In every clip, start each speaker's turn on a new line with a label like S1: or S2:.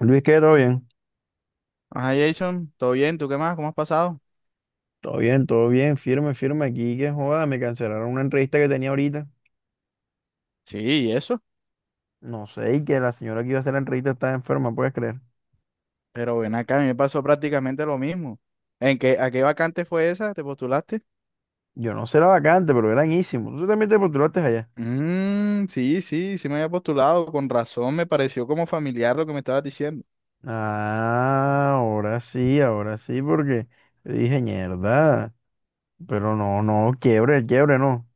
S1: Luis, ¿qué? ¿Todo bien?
S2: Ajá, Jason, ¿todo bien? ¿Tú qué más? ¿Cómo has pasado?
S1: Todo bien, todo bien, firme, firme aquí, que joda, me cancelaron una entrevista que tenía ahorita.
S2: Sí, ¿y eso?
S1: No sé, y que la señora que iba a hacer la entrevista estaba enferma, ¿puedes creer?
S2: Pero ven acá, a mí me pasó prácticamente lo mismo. ¿En qué, a qué vacante fue esa? ¿Te postulaste?
S1: Yo no sé la vacante, pero era enísimo. Tú también te postulaste allá.
S2: Mm, sí, me había postulado. Con razón, me pareció como familiar lo que me estabas diciendo.
S1: Ah, ahora sí, porque yo dije, mierda, pero no, no, quiebre, quiebre, no.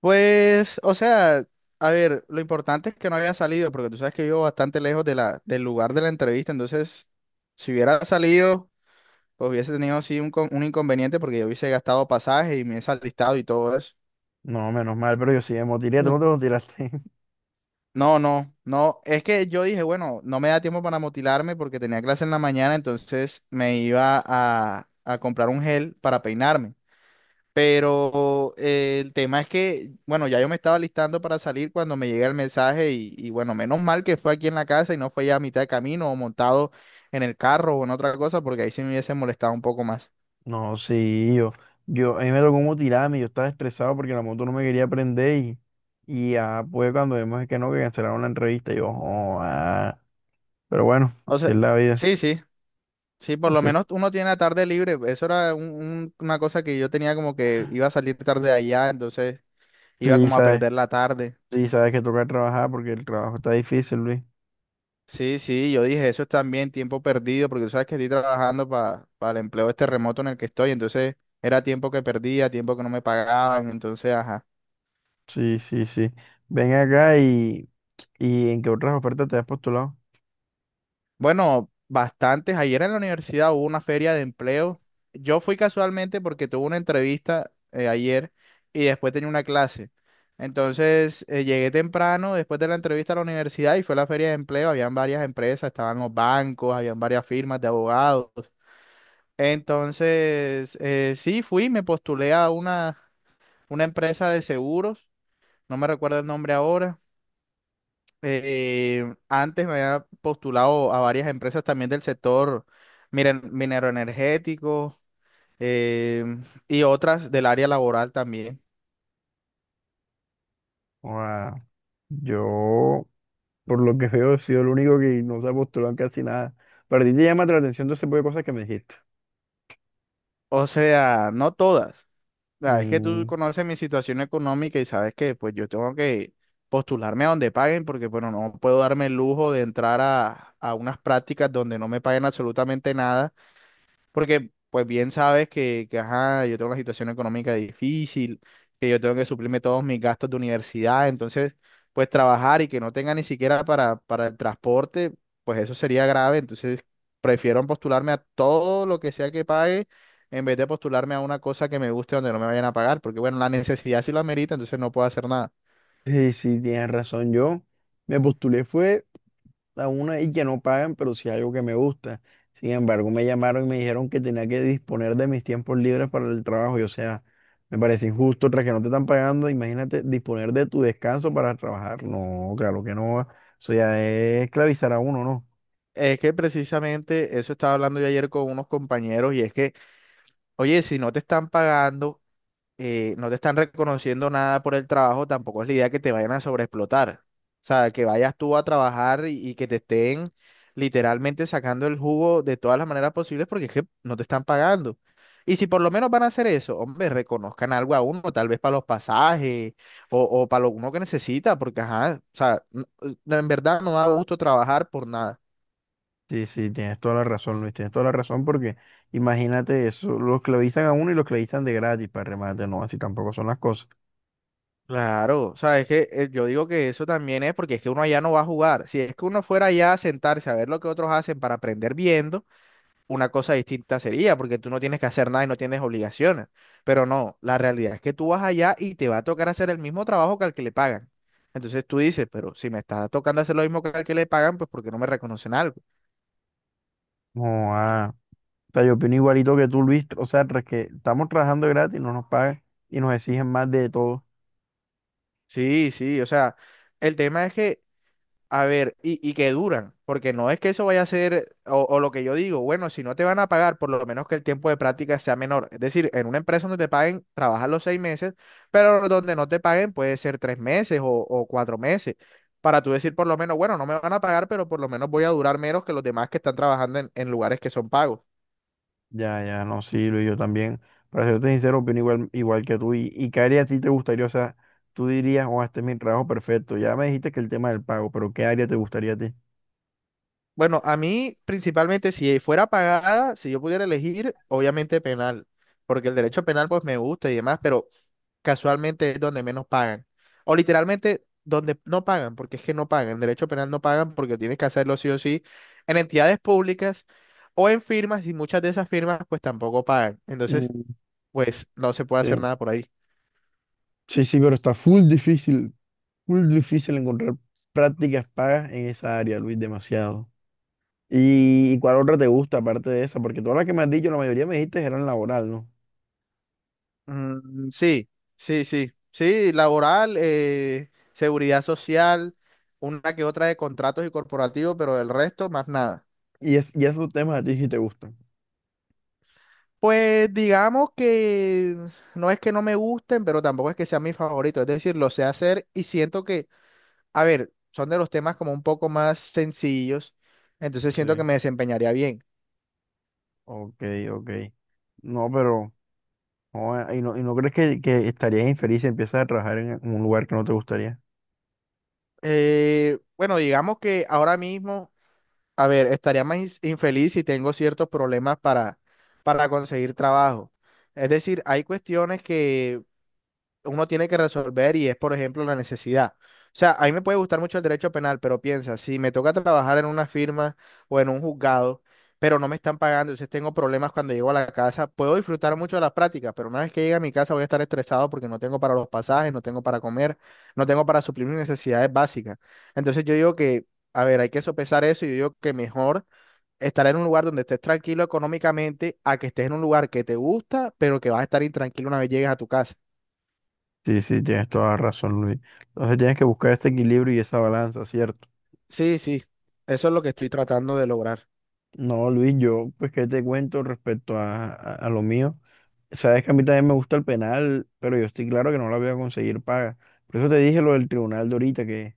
S2: Pues, o sea, a ver, lo importante es que no había salido, porque tú sabes que vivo bastante lejos de del lugar de la entrevista, entonces, si hubiera salido, pues hubiese tenido sí un, un inconveniente porque yo hubiese gastado pasaje y me he alistado y todo eso.
S1: No, menos mal, pero yo sí me motilé, tú no te motilaste.
S2: No, no, no. Es que yo dije, bueno, no me da tiempo para motilarme porque tenía clase en la mañana, entonces me iba a comprar un gel para peinarme. Pero el tema es que, bueno, ya yo me estaba listando para salir cuando me llega el mensaje y bueno, menos mal que fue aquí en la casa y no fue ya a mitad de camino o montado en el carro o en otra cosa porque ahí sí me hubiese molestado un poco más.
S1: No, sí, yo, a mí me tocó motilarme, yo estaba estresado porque la moto no me quería prender y ya, pues cuando vimos que no, que cancelaron la entrevista, yo, oh, ah. Pero bueno,
S2: O
S1: si
S2: sea,
S1: es la vida,
S2: sí, sí. Sí, por lo
S1: así es.
S2: menos uno tiene la tarde libre. Eso era una cosa que yo tenía como que iba a salir tarde de allá, entonces iba
S1: Sí,
S2: como a
S1: sabes,
S2: perder la tarde.
S1: sí, sabes que toca trabajar porque el trabajo está difícil, Luis.
S2: Sí, sí, yo dije, eso es también tiempo perdido, porque tú sabes que estoy trabajando para el empleo este remoto en el que estoy, entonces era tiempo que perdía, tiempo que no me pagaban, entonces, ajá.
S1: Sí, sí, sí. Ven acá y ¿en qué otras ofertas te has postulado?
S2: Bueno, bastantes. Ayer en la universidad hubo una feria de empleo. Yo fui casualmente porque tuve una entrevista ayer y después tenía una clase. Entonces, llegué temprano después de la entrevista a la universidad y fue la feria de empleo. Habían varias empresas, estaban los bancos, habían varias firmas de abogados. Entonces, sí, fui, me postulé a una empresa de seguros, no me recuerdo el nombre ahora. Antes me había postulado a varias empresas también del sector mineroenergético eh, y otras del área laboral también.
S1: Oh, ah, yo, por lo que veo, he sido el único que no se ha postulado en casi nada. Pero a ti te llama la atención todo ese tipo de cosas que me dijiste.
S2: O sea, no todas. La verdad es que tú
S1: Mm.
S2: conoces mi situación económica y sabes que pues yo tengo que postularme a donde paguen porque bueno, no puedo darme el lujo de entrar a unas prácticas donde no me paguen absolutamente nada. Porque, pues bien sabes que, ajá, yo tengo una situación económica difícil, que yo tengo que suplirme todos mis gastos de universidad, entonces, pues trabajar y que no tenga ni siquiera para el transporte, pues eso sería grave, entonces prefiero postularme a todo lo que sea que pague en vez de postularme a una cosa que me guste donde no me vayan a pagar, porque bueno, la necesidad sí lo amerita, entonces no puedo hacer nada.
S1: Sí, sí, tienes razón. Yo me postulé fue a una y que no pagan, pero sí algo que me gusta. Sin embargo, me llamaron y me dijeron que tenía que disponer de mis tiempos libres para el trabajo. Y o sea, me parece injusto, tras que no te están pagando, imagínate disponer de tu descanso para trabajar. No, claro que no. Eso ya es esclavizar a uno, ¿no?
S2: Es que precisamente eso estaba hablando yo ayer con unos compañeros y es que, oye, si no te están pagando no te están reconociendo nada por el trabajo, tampoco es la idea que te vayan a sobreexplotar. O sea, que vayas tú a trabajar y que te estén literalmente sacando el jugo de todas las maneras posibles porque es que no te están pagando. Y si por lo menos van a hacer eso, hombre, reconozcan algo a uno, tal vez para los pasajes o para lo uno que necesita, porque ajá, o sea, en verdad no da gusto trabajar por nada.
S1: Sí, sí, tienes toda la razón, Luis. Tienes toda la razón porque imagínate eso, lo esclavizan a uno y lo esclavizan de gratis para remate. No, así tampoco son las cosas.
S2: Claro, o sea, es que yo digo que eso también es porque es que uno allá no va a jugar. Si es que uno fuera allá a sentarse a ver lo que otros hacen para aprender viendo, una cosa distinta sería, porque tú no tienes que hacer nada y no tienes obligaciones. Pero no, la realidad es que tú vas allá y te va a tocar hacer el mismo trabajo que al que le pagan. Entonces tú dices, pero si me está tocando hacer lo mismo que al que le pagan, pues porque no me reconocen algo.
S1: No, ah. O sea, yo opino igualito que tú, Luis. O sea, tras que estamos trabajando gratis, no nos pagan y nos exigen más de todo.
S2: Sí, sí, o sea, el tema es que, a ver, y que duran, porque no es que eso vaya a ser, o lo que yo digo, bueno, si no te van a pagar, por lo menos que el tiempo de práctica sea menor. Es decir, en una empresa donde te paguen, trabajas los 6 meses, pero donde no te paguen puede ser 3 meses o 4 meses, para tú decir por lo menos, bueno, no me van a pagar, pero por lo menos voy a durar menos que los demás que están trabajando en lugares que son pagos.
S1: Ya, ya, no, sí, Luis, yo también. Para serte sincero, opino igual, igual que tú. Y qué área a ti te gustaría? O sea, tú dirías, oh, este es mi trabajo perfecto. Ya me dijiste que el tema del pago, pero ¿qué área te gustaría a ti?
S2: Bueno, a mí principalmente si fuera pagada, si yo pudiera elegir, obviamente penal, porque el derecho penal pues me gusta y demás, pero casualmente es donde menos pagan. O literalmente donde no pagan, porque es que no pagan. En derecho penal no pagan porque tienes que hacerlo sí o sí en entidades públicas o en firmas y muchas de esas firmas pues tampoco pagan. Entonces,
S1: Mm,
S2: pues no se puede hacer
S1: sí.
S2: nada por ahí.
S1: Sí, sí, pero está full difícil encontrar prácticas pagas en esa área, Luis, demasiado. Y cuál otra te gusta aparte de esa? Porque todas las que me has dicho, la mayoría me dijiste eran laboral, ¿no?
S2: Mm, sí, laboral, seguridad social, una que otra de contratos y corporativos, pero del resto, más nada.
S1: Y, es, y esos temas a ti sí te gustan.
S2: Pues digamos que no es que no me gusten, pero tampoco es que sea mi favorito, es decir, lo sé hacer y siento que, a ver, son de los temas como un poco más sencillos, entonces siento
S1: Sí.
S2: que me desempeñaría bien.
S1: Ok, ok. No, pero... joder, y no crees que estarías infeliz si empiezas a trabajar en un lugar que no te gustaría?
S2: Bueno, digamos que ahora mismo... A ver, estaría más infeliz si tengo ciertos problemas para conseguir trabajo. Es decir, hay cuestiones que uno tiene que resolver y es, por ejemplo, la necesidad. O sea, a mí me puede gustar mucho el derecho penal, pero piensa, si me toca trabajar en una firma o en un juzgado, pero no me están pagando, entonces tengo problemas cuando llego a la casa, puedo disfrutar mucho de las prácticas, pero una vez que llegue a mi casa voy a estar estresado porque no tengo para los pasajes, no tengo para comer, no tengo para suplir mis necesidades básicas. Entonces yo digo que, a ver, hay que sopesar eso y yo digo que mejor estar en un lugar donde estés tranquilo económicamente a que estés en un lugar que te gusta, pero que vas a estar intranquilo una vez llegues a tu casa.
S1: Sí, sí, tienes toda la razón, Luis. Entonces tienes que buscar ese equilibrio y esa balanza, ¿cierto?
S2: Sí, sí, eso es lo que estoy tratando de lograr.
S1: No, Luis, yo, pues, ¿qué te cuento respecto a lo mío? Sabes que a mí también me gusta el penal, pero yo estoy claro que no la voy a conseguir paga. Por eso te dije lo del tribunal de ahorita, que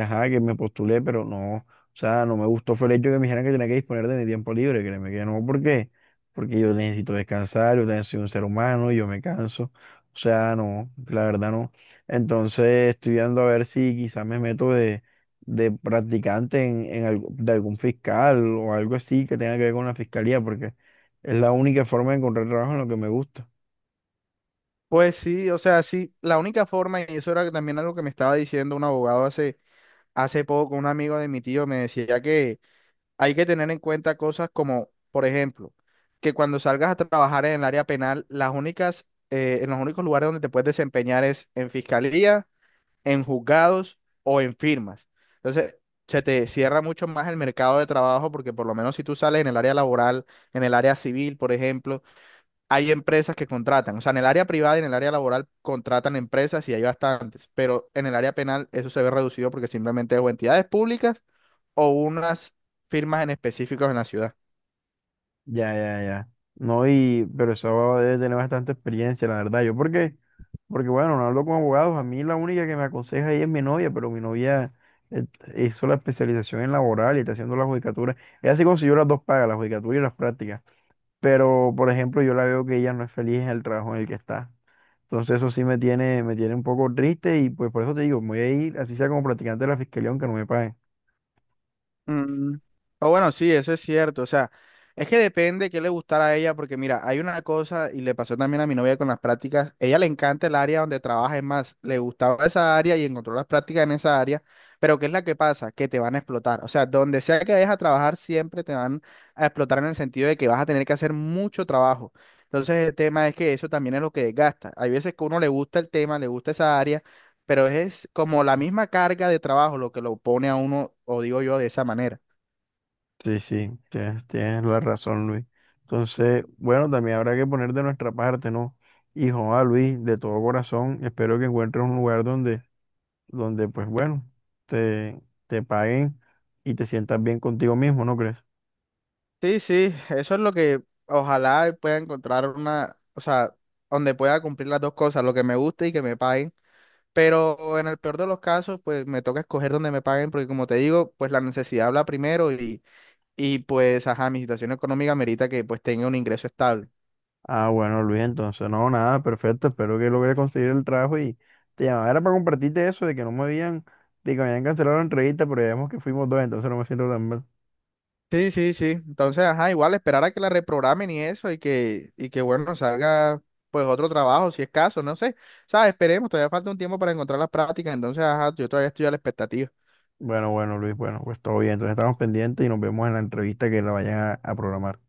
S1: ajá, que me postulé, pero no, o sea, no me gustó fue el hecho que me dijeran que tenía que disponer de mi tiempo libre, créeme que no, ¿por qué? Porque yo necesito descansar, yo también soy un ser humano, yo me canso, o sea, no, la verdad no. Entonces estoy viendo a ver si quizás me meto de practicante en algo- de algún fiscal o algo así que tenga que ver con la fiscalía, porque es la única forma de encontrar trabajo en lo que me gusta.
S2: Pues sí, o sea, sí, la única forma, y eso era también algo que me estaba diciendo un abogado hace poco, un amigo de mi tío me decía que hay que tener en cuenta cosas como, por ejemplo, que cuando salgas a trabajar en el área penal, las únicas, en los únicos lugares donde te puedes desempeñar es en fiscalía, en juzgados o en firmas. Entonces, se te cierra mucho más el mercado de trabajo porque por lo menos si tú sales en el área laboral, en el área civil, por ejemplo, hay empresas que contratan. O sea, en el área privada y en el área laboral contratan empresas y hay bastantes, pero en el área penal eso se ve reducido porque simplemente es o entidades públicas o unas firmas en específicos en la ciudad.
S1: Ya, ya, ya. No, y, pero eso debe tener bastante experiencia, la verdad. Yo, ¿por qué? Porque bueno, no hablo con abogados. A mí la única que me aconseja ahí es mi novia, pero mi novia eh, hizo la especialización en laboral y está haciendo la judicatura. Ella sí consiguió las dos pagas, la judicatura y las prácticas. Pero, por ejemplo, yo la veo que ella no es feliz en el trabajo en el que está. Entonces eso sí me tiene un poco triste y pues por eso te digo, me voy a ir, así sea como practicante de la fiscalía, aunque no me paguen.
S2: Mm, o bueno, sí, eso es cierto. O sea, es que depende qué le gustará a ella, porque mira, hay una cosa, y le pasó también a mi novia con las prácticas, ella le encanta el área donde trabaja, es más, le gustaba esa área y encontró las prácticas en esa área, pero ¿qué es la que pasa? Que te van a explotar. O sea, donde sea que vayas a trabajar, siempre te van a explotar en el sentido de que vas a tener que hacer mucho trabajo. Entonces, el tema es que eso también es lo que desgasta. Hay veces que a uno le gusta el tema, le gusta esa área, pero es como la misma carga de trabajo lo que lo pone a uno, o digo yo, de esa manera.
S1: Sí, sí, tienes, tienes la razón, Luis. Entonces, bueno, también habrá que poner de nuestra parte, ¿no? Hijo, a Luis, de todo corazón, espero que encuentres un lugar donde donde pues bueno, te, te paguen y te sientas bien contigo mismo, ¿no crees?
S2: Sí, sí, eso es lo que ojalá pueda encontrar una, o sea, donde pueda cumplir las dos cosas, lo que me guste y que me paguen. Pero en el peor de los casos, pues me toca escoger donde me paguen, porque como te digo, pues la necesidad habla primero y pues, ajá, mi situación económica merita que pues tenga un ingreso estable.
S1: Ah, bueno, Luis, entonces no, nada, perfecto, espero que logres conseguir el trabajo y te llamaba era para compartirte eso de que no me habían, de que me habían cancelado la entrevista, pero ya vemos que fuimos dos, entonces no me siento tan mal.
S2: Sí, sí, sí. Entonces, ajá, igual esperar a que la reprogramen y eso y que bueno, salga pues otro trabajo, si es caso, no sé. O sea, esperemos, todavía falta un tiempo para encontrar las prácticas, entonces, ajá, yo todavía estoy a la expectativa.
S1: Bueno, bueno, Luis, bueno, pues todo bien, entonces estamos pendientes y nos vemos en la entrevista que la vayan a programar.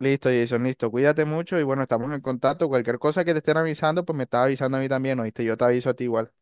S2: Listo, Jason, listo. Cuídate mucho y bueno, estamos en contacto. Cualquier cosa que te estén avisando, pues me estás avisando a mí también, ¿oíste? Yo te aviso a ti igual.